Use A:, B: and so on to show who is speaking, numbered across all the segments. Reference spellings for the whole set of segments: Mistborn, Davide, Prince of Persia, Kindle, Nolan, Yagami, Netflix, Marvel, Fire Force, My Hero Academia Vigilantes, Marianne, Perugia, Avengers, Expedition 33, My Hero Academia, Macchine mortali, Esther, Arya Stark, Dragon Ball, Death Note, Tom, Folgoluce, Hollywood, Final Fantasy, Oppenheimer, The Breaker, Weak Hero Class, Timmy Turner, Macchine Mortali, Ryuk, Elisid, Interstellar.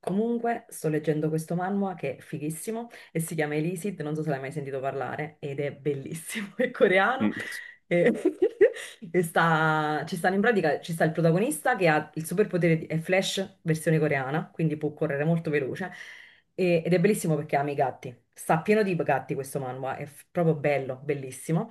A: Comunque, sto leggendo questo manhwa che è fighissimo e si chiama Elisid, non so se l'hai mai sentito parlare, ed è bellissimo, è coreano
B: Mm.
A: e, e sta, ci stanno in pratica, ci sta il protagonista che ha il superpotere, è Flash versione coreana, quindi può correre molto veloce ed è bellissimo perché ama i gatti, sta pieno di gatti questo manhwa, è proprio bello, bellissimo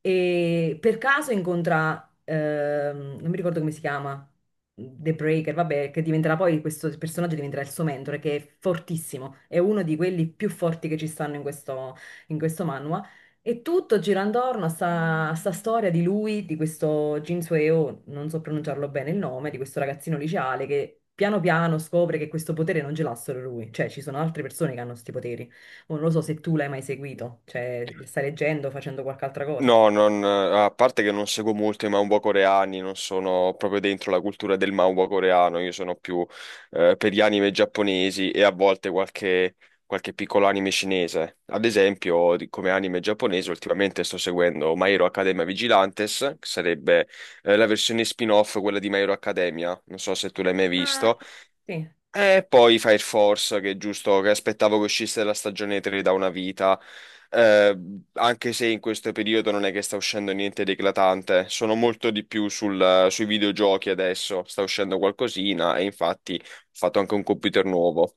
A: e per caso incontra, non mi ricordo come si chiama, The Breaker, vabbè, che diventerà poi questo personaggio diventerà il suo mentore, che è fortissimo, è uno di quelli più forti che ci stanno in questo manhwa. E tutto gira intorno a sta storia di lui, di questo Jin Sueo, non so pronunciarlo bene il nome, di questo ragazzino liceale che piano piano scopre che questo potere non ce l'ha solo lui, cioè ci sono altre persone che hanno questi poteri. Oh, non lo so se tu l'hai mai seguito, cioè stai leggendo, facendo qualche altra cosa.
B: No, a parte che non seguo molto i manhwa coreani, non sono proprio dentro la cultura del manhwa coreano, io sono più per gli anime giapponesi e a volte qualche piccolo anime cinese. Ad esempio, come anime giapponese, ultimamente sto seguendo My Hero Academia Vigilantes, che sarebbe la versione spin-off, quella di My Hero Academia, non so se tu l'hai mai
A: Eh,
B: visto.
A: Sì,
B: E poi Fire Force, che è giusto, che aspettavo che uscisse la stagione 3 da una vita. Eh, anche se in questo periodo non è che sta uscendo niente di eclatante, sono molto di più sui videogiochi adesso, sta uscendo qualcosina e infatti ho fatto anche un computer nuovo,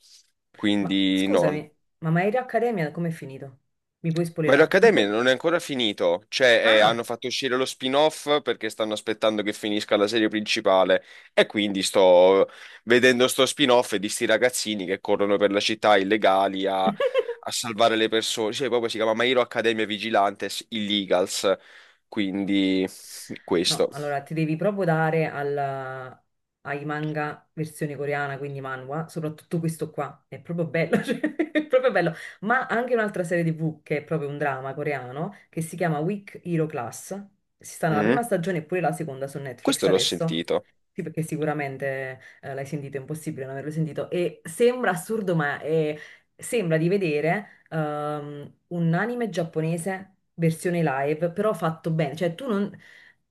A: ma
B: quindi no.
A: scusami, ma My Hero Academia com'è finito? Mi puoi
B: Ma
A: spoilerare?
B: l'Accademia non è ancora finito, cioè hanno
A: Ah!
B: fatto uscire lo spin-off perché stanno aspettando che finisca la serie principale e quindi sto vedendo sto spin-off di sti ragazzini che corrono per la città illegali a salvare le persone, cioè proprio si chiama My Hero Academia Vigilantes Illegals, quindi
A: No,
B: questo.
A: allora ti devi proprio dare ai manga versione coreana, quindi manhwa, soprattutto questo qua, è proprio bello, cioè, è proprio bello. Ma anche un'altra serie TV che è proprio un drama coreano, che si chiama Weak Hero Class. Si sta nella
B: Mm?
A: prima stagione e pure la seconda su Netflix
B: Questo l'ho
A: adesso.
B: sentito,
A: Sì, perché sicuramente l'hai sentito, è impossibile non averlo sentito. E sembra assurdo, ma sembra di vedere un anime giapponese versione live, però fatto bene. Cioè, tu non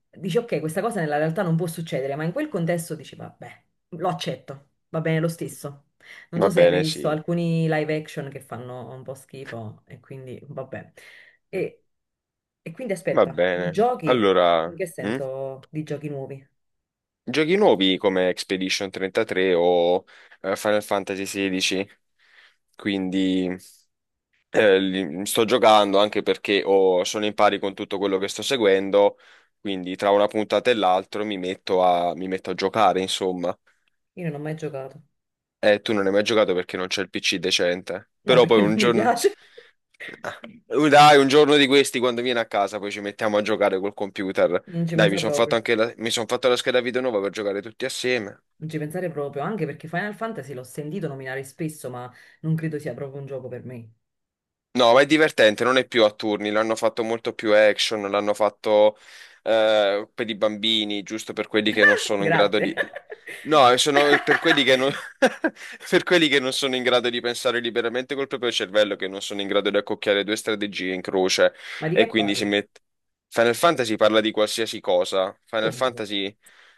A: dici, ok, questa cosa nella realtà non può succedere, ma in quel contesto dici, vabbè, lo accetto, va bene lo stesso. Non so
B: va
A: se hai mai
B: bene,
A: visto
B: sì,
A: alcuni live action che fanno un po' schifo, e quindi vabbè. E, e quindi
B: va
A: aspetta, di
B: bene.
A: giochi,
B: Allora...
A: in che
B: mm?
A: senso di giochi nuovi?
B: Giochi nuovi come Expedition 33 o Final Fantasy XVI, quindi sto giocando anche perché sono in pari con tutto quello che sto seguendo, quindi tra una puntata e l'altra mi metto a giocare, insomma.
A: Io non ho mai giocato.
B: E tu non hai mai giocato perché non c'è il PC decente,
A: No,
B: però poi
A: perché non
B: un
A: mi
B: giorno...
A: piace.
B: Dai, un giorno di questi, quando vieni a casa, poi ci mettiamo a giocare col computer.
A: Non ci
B: Dai,
A: pensa proprio.
B: mi son fatto la scheda video nuova per giocare tutti assieme.
A: Non ci pensare proprio, anche perché Final Fantasy l'ho sentito nominare spesso, ma non credo sia proprio un gioco per me.
B: No, ma è divertente, non è più a turni, l'hanno fatto molto più action, l'hanno fatto per i bambini, giusto per quelli che non sono in grado
A: Grazie.
B: di... No, sono per quelli che non... per quelli che non sono in grado di pensare liberamente col proprio cervello, che non sono in grado di accocchiare due strategie in croce
A: Ma di
B: e
A: che
B: quindi si
A: parla?
B: mette... Final Fantasy parla di qualsiasi cosa, Final
A: Come di che?
B: Fantasy...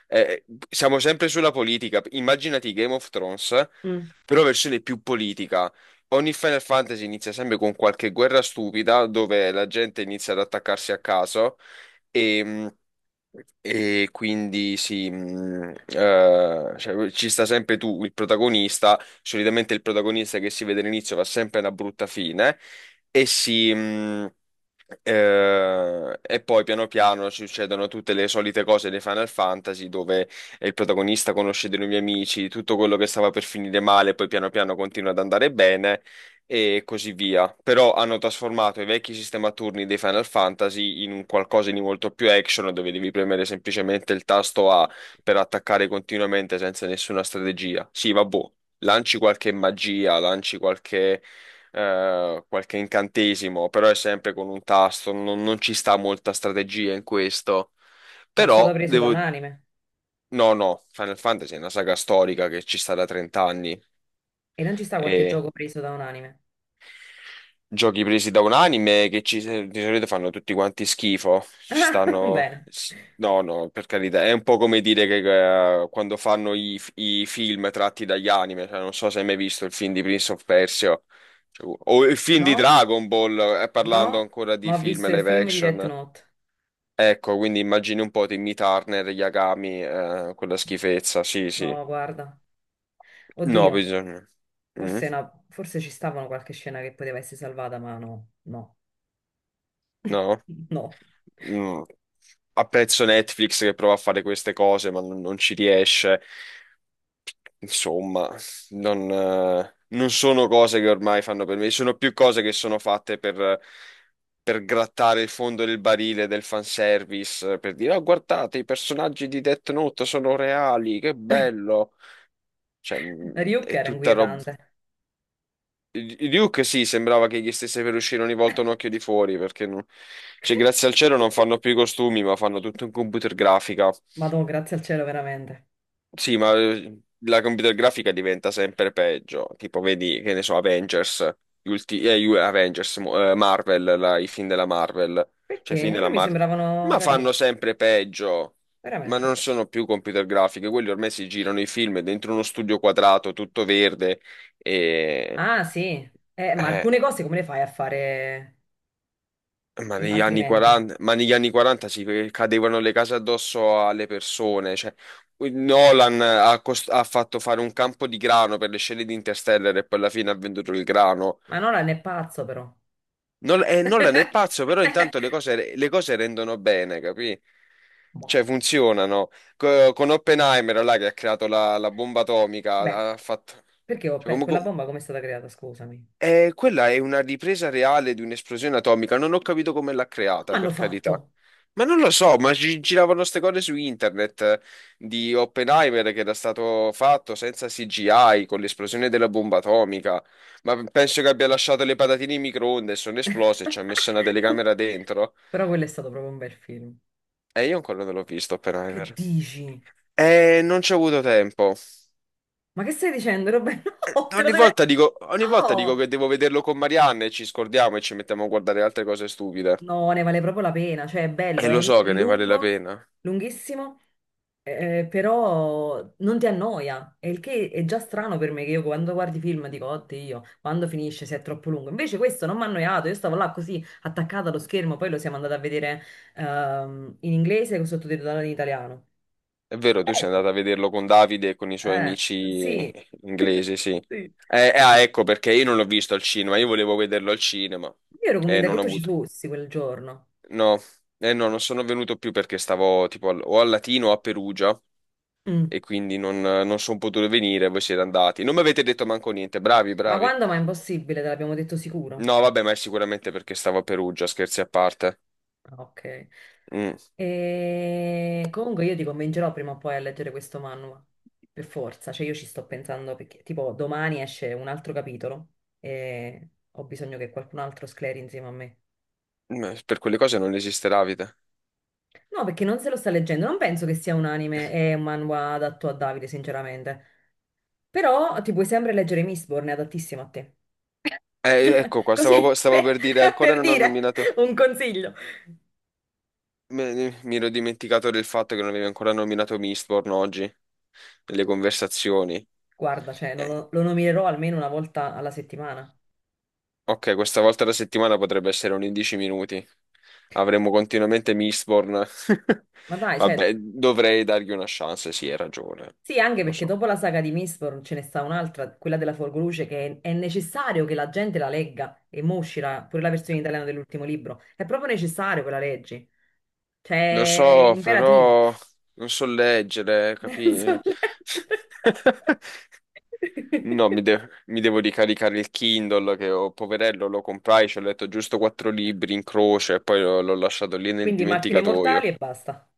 B: eh, siamo sempre sulla politica, immaginati Game of Thrones,
A: Mm.
B: però versione più politica. Ogni Final Fantasy inizia sempre con qualche guerra stupida dove la gente inizia ad attaccarsi a caso e, mh, e quindi sì, cioè, ci sta sempre tu, il protagonista. Solitamente il protagonista che si vede all'inizio va sempre a una brutta fine e e poi piano piano ci succedono tutte le solite cose dei Final Fantasy dove il protagonista conosce dei nuovi amici, tutto quello che stava per finire male, poi piano piano continua ad andare bene e così via. Però hanno trasformato i vecchi sistema a turni dei Final Fantasy in un qualcosa di molto più action, dove devi premere semplicemente il tasto A per attaccare continuamente senza nessuna strategia. Sì, vabbè, lanci qualche magia, lanci qualche qualche incantesimo, però è sempre con un tasto, non ci sta molta strategia in questo.
A: Ma è stato
B: Però
A: preso da un
B: devo.
A: anime.
B: No, no, Final Fantasy è una saga storica che ci sta da 30 anni
A: E non ci sta qualche
B: e
A: gioco preso da un anime?
B: giochi presi da un anime di solito fanno tutti quanti schifo. Ci
A: Ah,
B: stanno...
A: bene.
B: No, no, per carità, è un po' come dire che quando fanno i film tratti dagli anime, cioè, non so se hai mai visto il film di Prince of Persia, cioè, o il film di
A: No,
B: Dragon Ball, parlando
A: no,
B: ancora di
A: ma ho
B: film
A: visto il
B: live
A: film di Death
B: action.
A: Note.
B: Ecco, quindi immagini un po' Timmy Turner, Yagami, quella schifezza, sì, sì.
A: No, guarda.
B: No,
A: Oddio,
B: bisogna... Mm.
A: forse, forse ci stavano qualche scena che poteva essere salvata, ma no, no.
B: No?
A: No,
B: Mm. Apprezzo Netflix che prova a fare queste cose, ma non ci riesce. Insomma, non sono cose che ormai fanno per me, sono più cose che sono fatte per grattare il fondo del barile del fanservice, per dire, oh, guardate, i personaggi di Death Note sono reali, che bello. Cioè, mm,
A: Ryuk
B: è
A: era
B: tutta roba.
A: inquietante.
B: Duke sì, sembrava che gli stesse per uscire ogni volta un occhio di fuori, perché non- cioè, grazie al cielo non fanno più i costumi, ma fanno tutto in computer grafica.
A: Madò, grazie al cielo, veramente.
B: Sì, ma la computer grafica diventa sempre peggio. Tipo, vedi, che ne so, Avengers, Avengers, Marvel, i film della Marvel, cioè i
A: Perché
B: film
A: a
B: della
A: me mi
B: Marvel,
A: sembravano
B: ma
A: carini,
B: fanno sempre peggio. Ma non
A: veramente.
B: sono più computer grafiche, quelli ormai si girano i film dentro uno studio quadrato, tutto verde, e...
A: Ah, sì. Ma
B: Eh,
A: alcune cose come le fai a fare
B: Ma negli anni
A: altrimenti?
B: 40, ma negli anni 40 ci cadevano le case addosso alle persone. Cioè, Nolan ha, ha fatto fare un campo di grano per le scene di Interstellar e poi alla fine ha venduto il grano.
A: Ma non è pazzo, però.
B: Nolan è pazzo, però intanto le cose rendono bene, capì?
A: Boh.
B: Cioè, funzionano. Co- con Oppenheimer, là, che ha creato la bomba
A: Beh,
B: atomica, ha fatto...
A: perché
B: cioè,
A: quella
B: comunque.
A: bomba come è stata creata? Scusami.
B: Quella è una ripresa reale di un'esplosione atomica. Non ho capito come l'ha creata,
A: Come hanno
B: per carità.
A: fatto?
B: Ma non lo so, ma giravano ste cose su internet di Oppenheimer che era stato fatto senza CGI con l'esplosione della bomba atomica. Ma penso che abbia lasciato le patatine in microonde e sono esplose e ci ha messo una telecamera dentro.
A: Però quello è stato proprio un bel film.
B: E io ancora non l'ho visto,
A: Che
B: Oppenheimer.
A: dici?
B: Non ci ho avuto tempo.
A: Ma che stai dicendo, Roberto? No, te lo devi.
B: Ogni volta dico
A: No!
B: che devo vederlo con Marianne e ci scordiamo e ci mettiamo a guardare altre cose stupide.
A: No, ne vale proprio la pena, cioè è
B: E
A: bello,
B: lo
A: è,
B: so
A: è
B: che ne vale la
A: lungo,
B: pena.
A: lunghissimo, però non ti annoia, e il che è già strano per me che io quando guardi film dico, oddio, quando finisce se è troppo lungo. Invece questo non mi ha annoiato, io stavo là così attaccata allo schermo, poi lo siamo andati a vedere in inglese con sottotitolato in italiano.
B: È vero, tu sei
A: Bello,
B: andata a vederlo con Davide e con i suoi
A: eh,
B: amici
A: sì.
B: inglesi, sì.
A: Sì.
B: Ecco perché io non l'ho visto al cinema, io volevo vederlo al cinema
A: Io ero
B: e
A: convinta che
B: non ho
A: tu ci
B: avuto.
A: fossi quel giorno.
B: No, no, non sono venuto più perché stavo tipo o a Latino o a Perugia
A: Mm.
B: e quindi non sono potuto venire, voi siete andati. Non mi avete detto manco niente, bravi,
A: Ma
B: bravi.
A: quando? Ma è impossibile, te l'abbiamo detto sicuro.
B: No, vabbè, ma è sicuramente perché stavo a Perugia, scherzi a parte.
A: Ok.
B: Mm,
A: E comunque io ti convincerò prima o poi a leggere questo manual, per forza, cioè io ci sto pensando perché tipo domani esce un altro capitolo e ho bisogno che qualcun altro scleri insieme a me.
B: Per quelle cose non esisterà vita.
A: No, perché non se lo sta leggendo, non penso che sia un anime e un manhwa adatto a Davide, sinceramente. Però ti puoi sempre leggere Mistborn, è adattissimo a te. Cioè,
B: Ecco qua,
A: così,
B: stavo
A: per,
B: per dire, ancora
A: per
B: non ho
A: dire
B: nominato.
A: un consiglio.
B: Mi ero dimenticato del fatto che non avevi ancora nominato Mistborn oggi, nelle conversazioni.
A: Guarda, cioè, non
B: Eh,
A: lo, lo nominerò almeno una volta alla settimana.
B: ok, questa volta la settimana potrebbe essere un 11 minuti. Avremo continuamente Mistborn.
A: Ma dai, cioè,
B: Vabbè, dovrei dargli una chance, sì, hai ragione.
A: sì, anche
B: Lo
A: perché
B: so.
A: dopo la saga di Mistborn ce ne sta un'altra, quella della Folgoluce, che è necessario che la gente la legga e mo uscirà pure la versione italiana dell'ultimo libro. È proprio necessario che la leggi.
B: Lo
A: Cioè, è
B: so,
A: imperativo.
B: però non so leggere, capi?
A: Penso di leggere.
B: No, mi devo ricaricare il Kindle che ho, poverello, lo comprai, ci ho letto giusto quattro libri in croce e poi l'ho lasciato lì nel
A: Quindi macchine mortali
B: dimenticatoio.
A: e basta.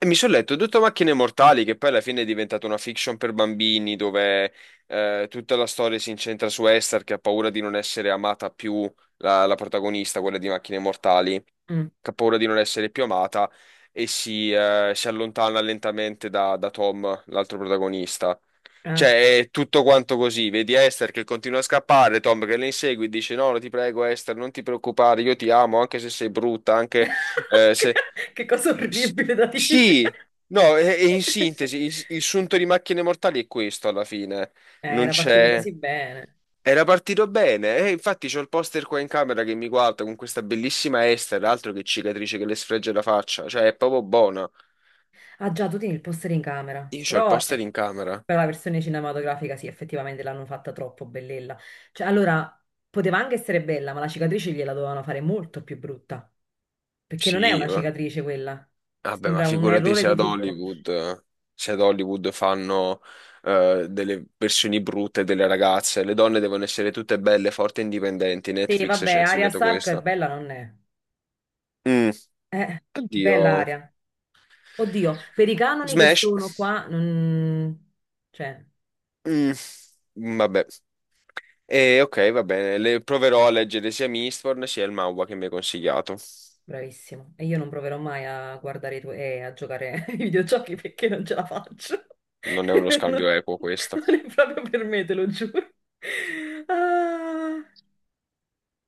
B: E mi sono letto tutto Macchine Mortali, che poi alla fine è diventata una fiction per bambini, dove tutta la storia si incentra su Esther, che ha paura di non essere amata più, la protagonista, quella di Macchine Mortali,
A: Mm.
B: che ha paura di non essere più amata e si allontana lentamente da Tom, l'altro protagonista.
A: Ah.
B: Cioè, è tutto quanto così. Vedi Esther che continua a scappare, Tom che le insegue e dice: No, ti prego, Esther, non ti preoccupare, io ti amo, anche se sei brutta, anche
A: Che
B: se.
A: che cosa
B: S-
A: orribile da dire.
B: Sì, no, e in sintesi, il sunto di Macchine Mortali è questo alla fine. Non
A: Era partito
B: c'è.
A: così bene.
B: Era partito bene, infatti c'ho il poster qua in camera che mi guarda con questa bellissima Esther, altro che cicatrice che le sfregge la faccia, cioè è proprio buona.
A: Ah già, tu tieni il poster in camera,
B: Io c'ho il
A: però
B: poster in camera.
A: per la versione cinematografica sì, effettivamente l'hanno fatta troppo bellella. Cioè, allora, poteva anche essere bella, ma la cicatrice gliela dovevano fare molto più brutta, perché non è
B: Sì,
A: una
B: va-
A: cicatrice quella,
B: vabbè, ma
A: sembra un
B: figurati
A: errore
B: se
A: di
B: ad
A: trucco.
B: Hollywood, se ad Hollywood fanno delle versioni brutte delle ragazze, le donne devono essere tutte belle, forti e indipendenti.
A: Sì,
B: Netflix ci
A: vabbè,
B: ha
A: Arya
B: insegnato
A: Stark è
B: questo.
A: bella non è.
B: Mm,
A: Eh,
B: oddio.
A: bella Arya. Oddio, per i canoni che
B: Smash.
A: sono qua, non, cioè.
B: Mm, vabbè. E ok, va bene. Le proverò a leggere sia Mistborn sia il manhwa che mi hai consigliato.
A: Bravissimo. E io non proverò mai a guardare i tuoi, a giocare ai videogiochi perché non ce la faccio.
B: Non è uno scambio
A: Non,
B: equo questo.
A: non è proprio per me, te lo giuro. Ah.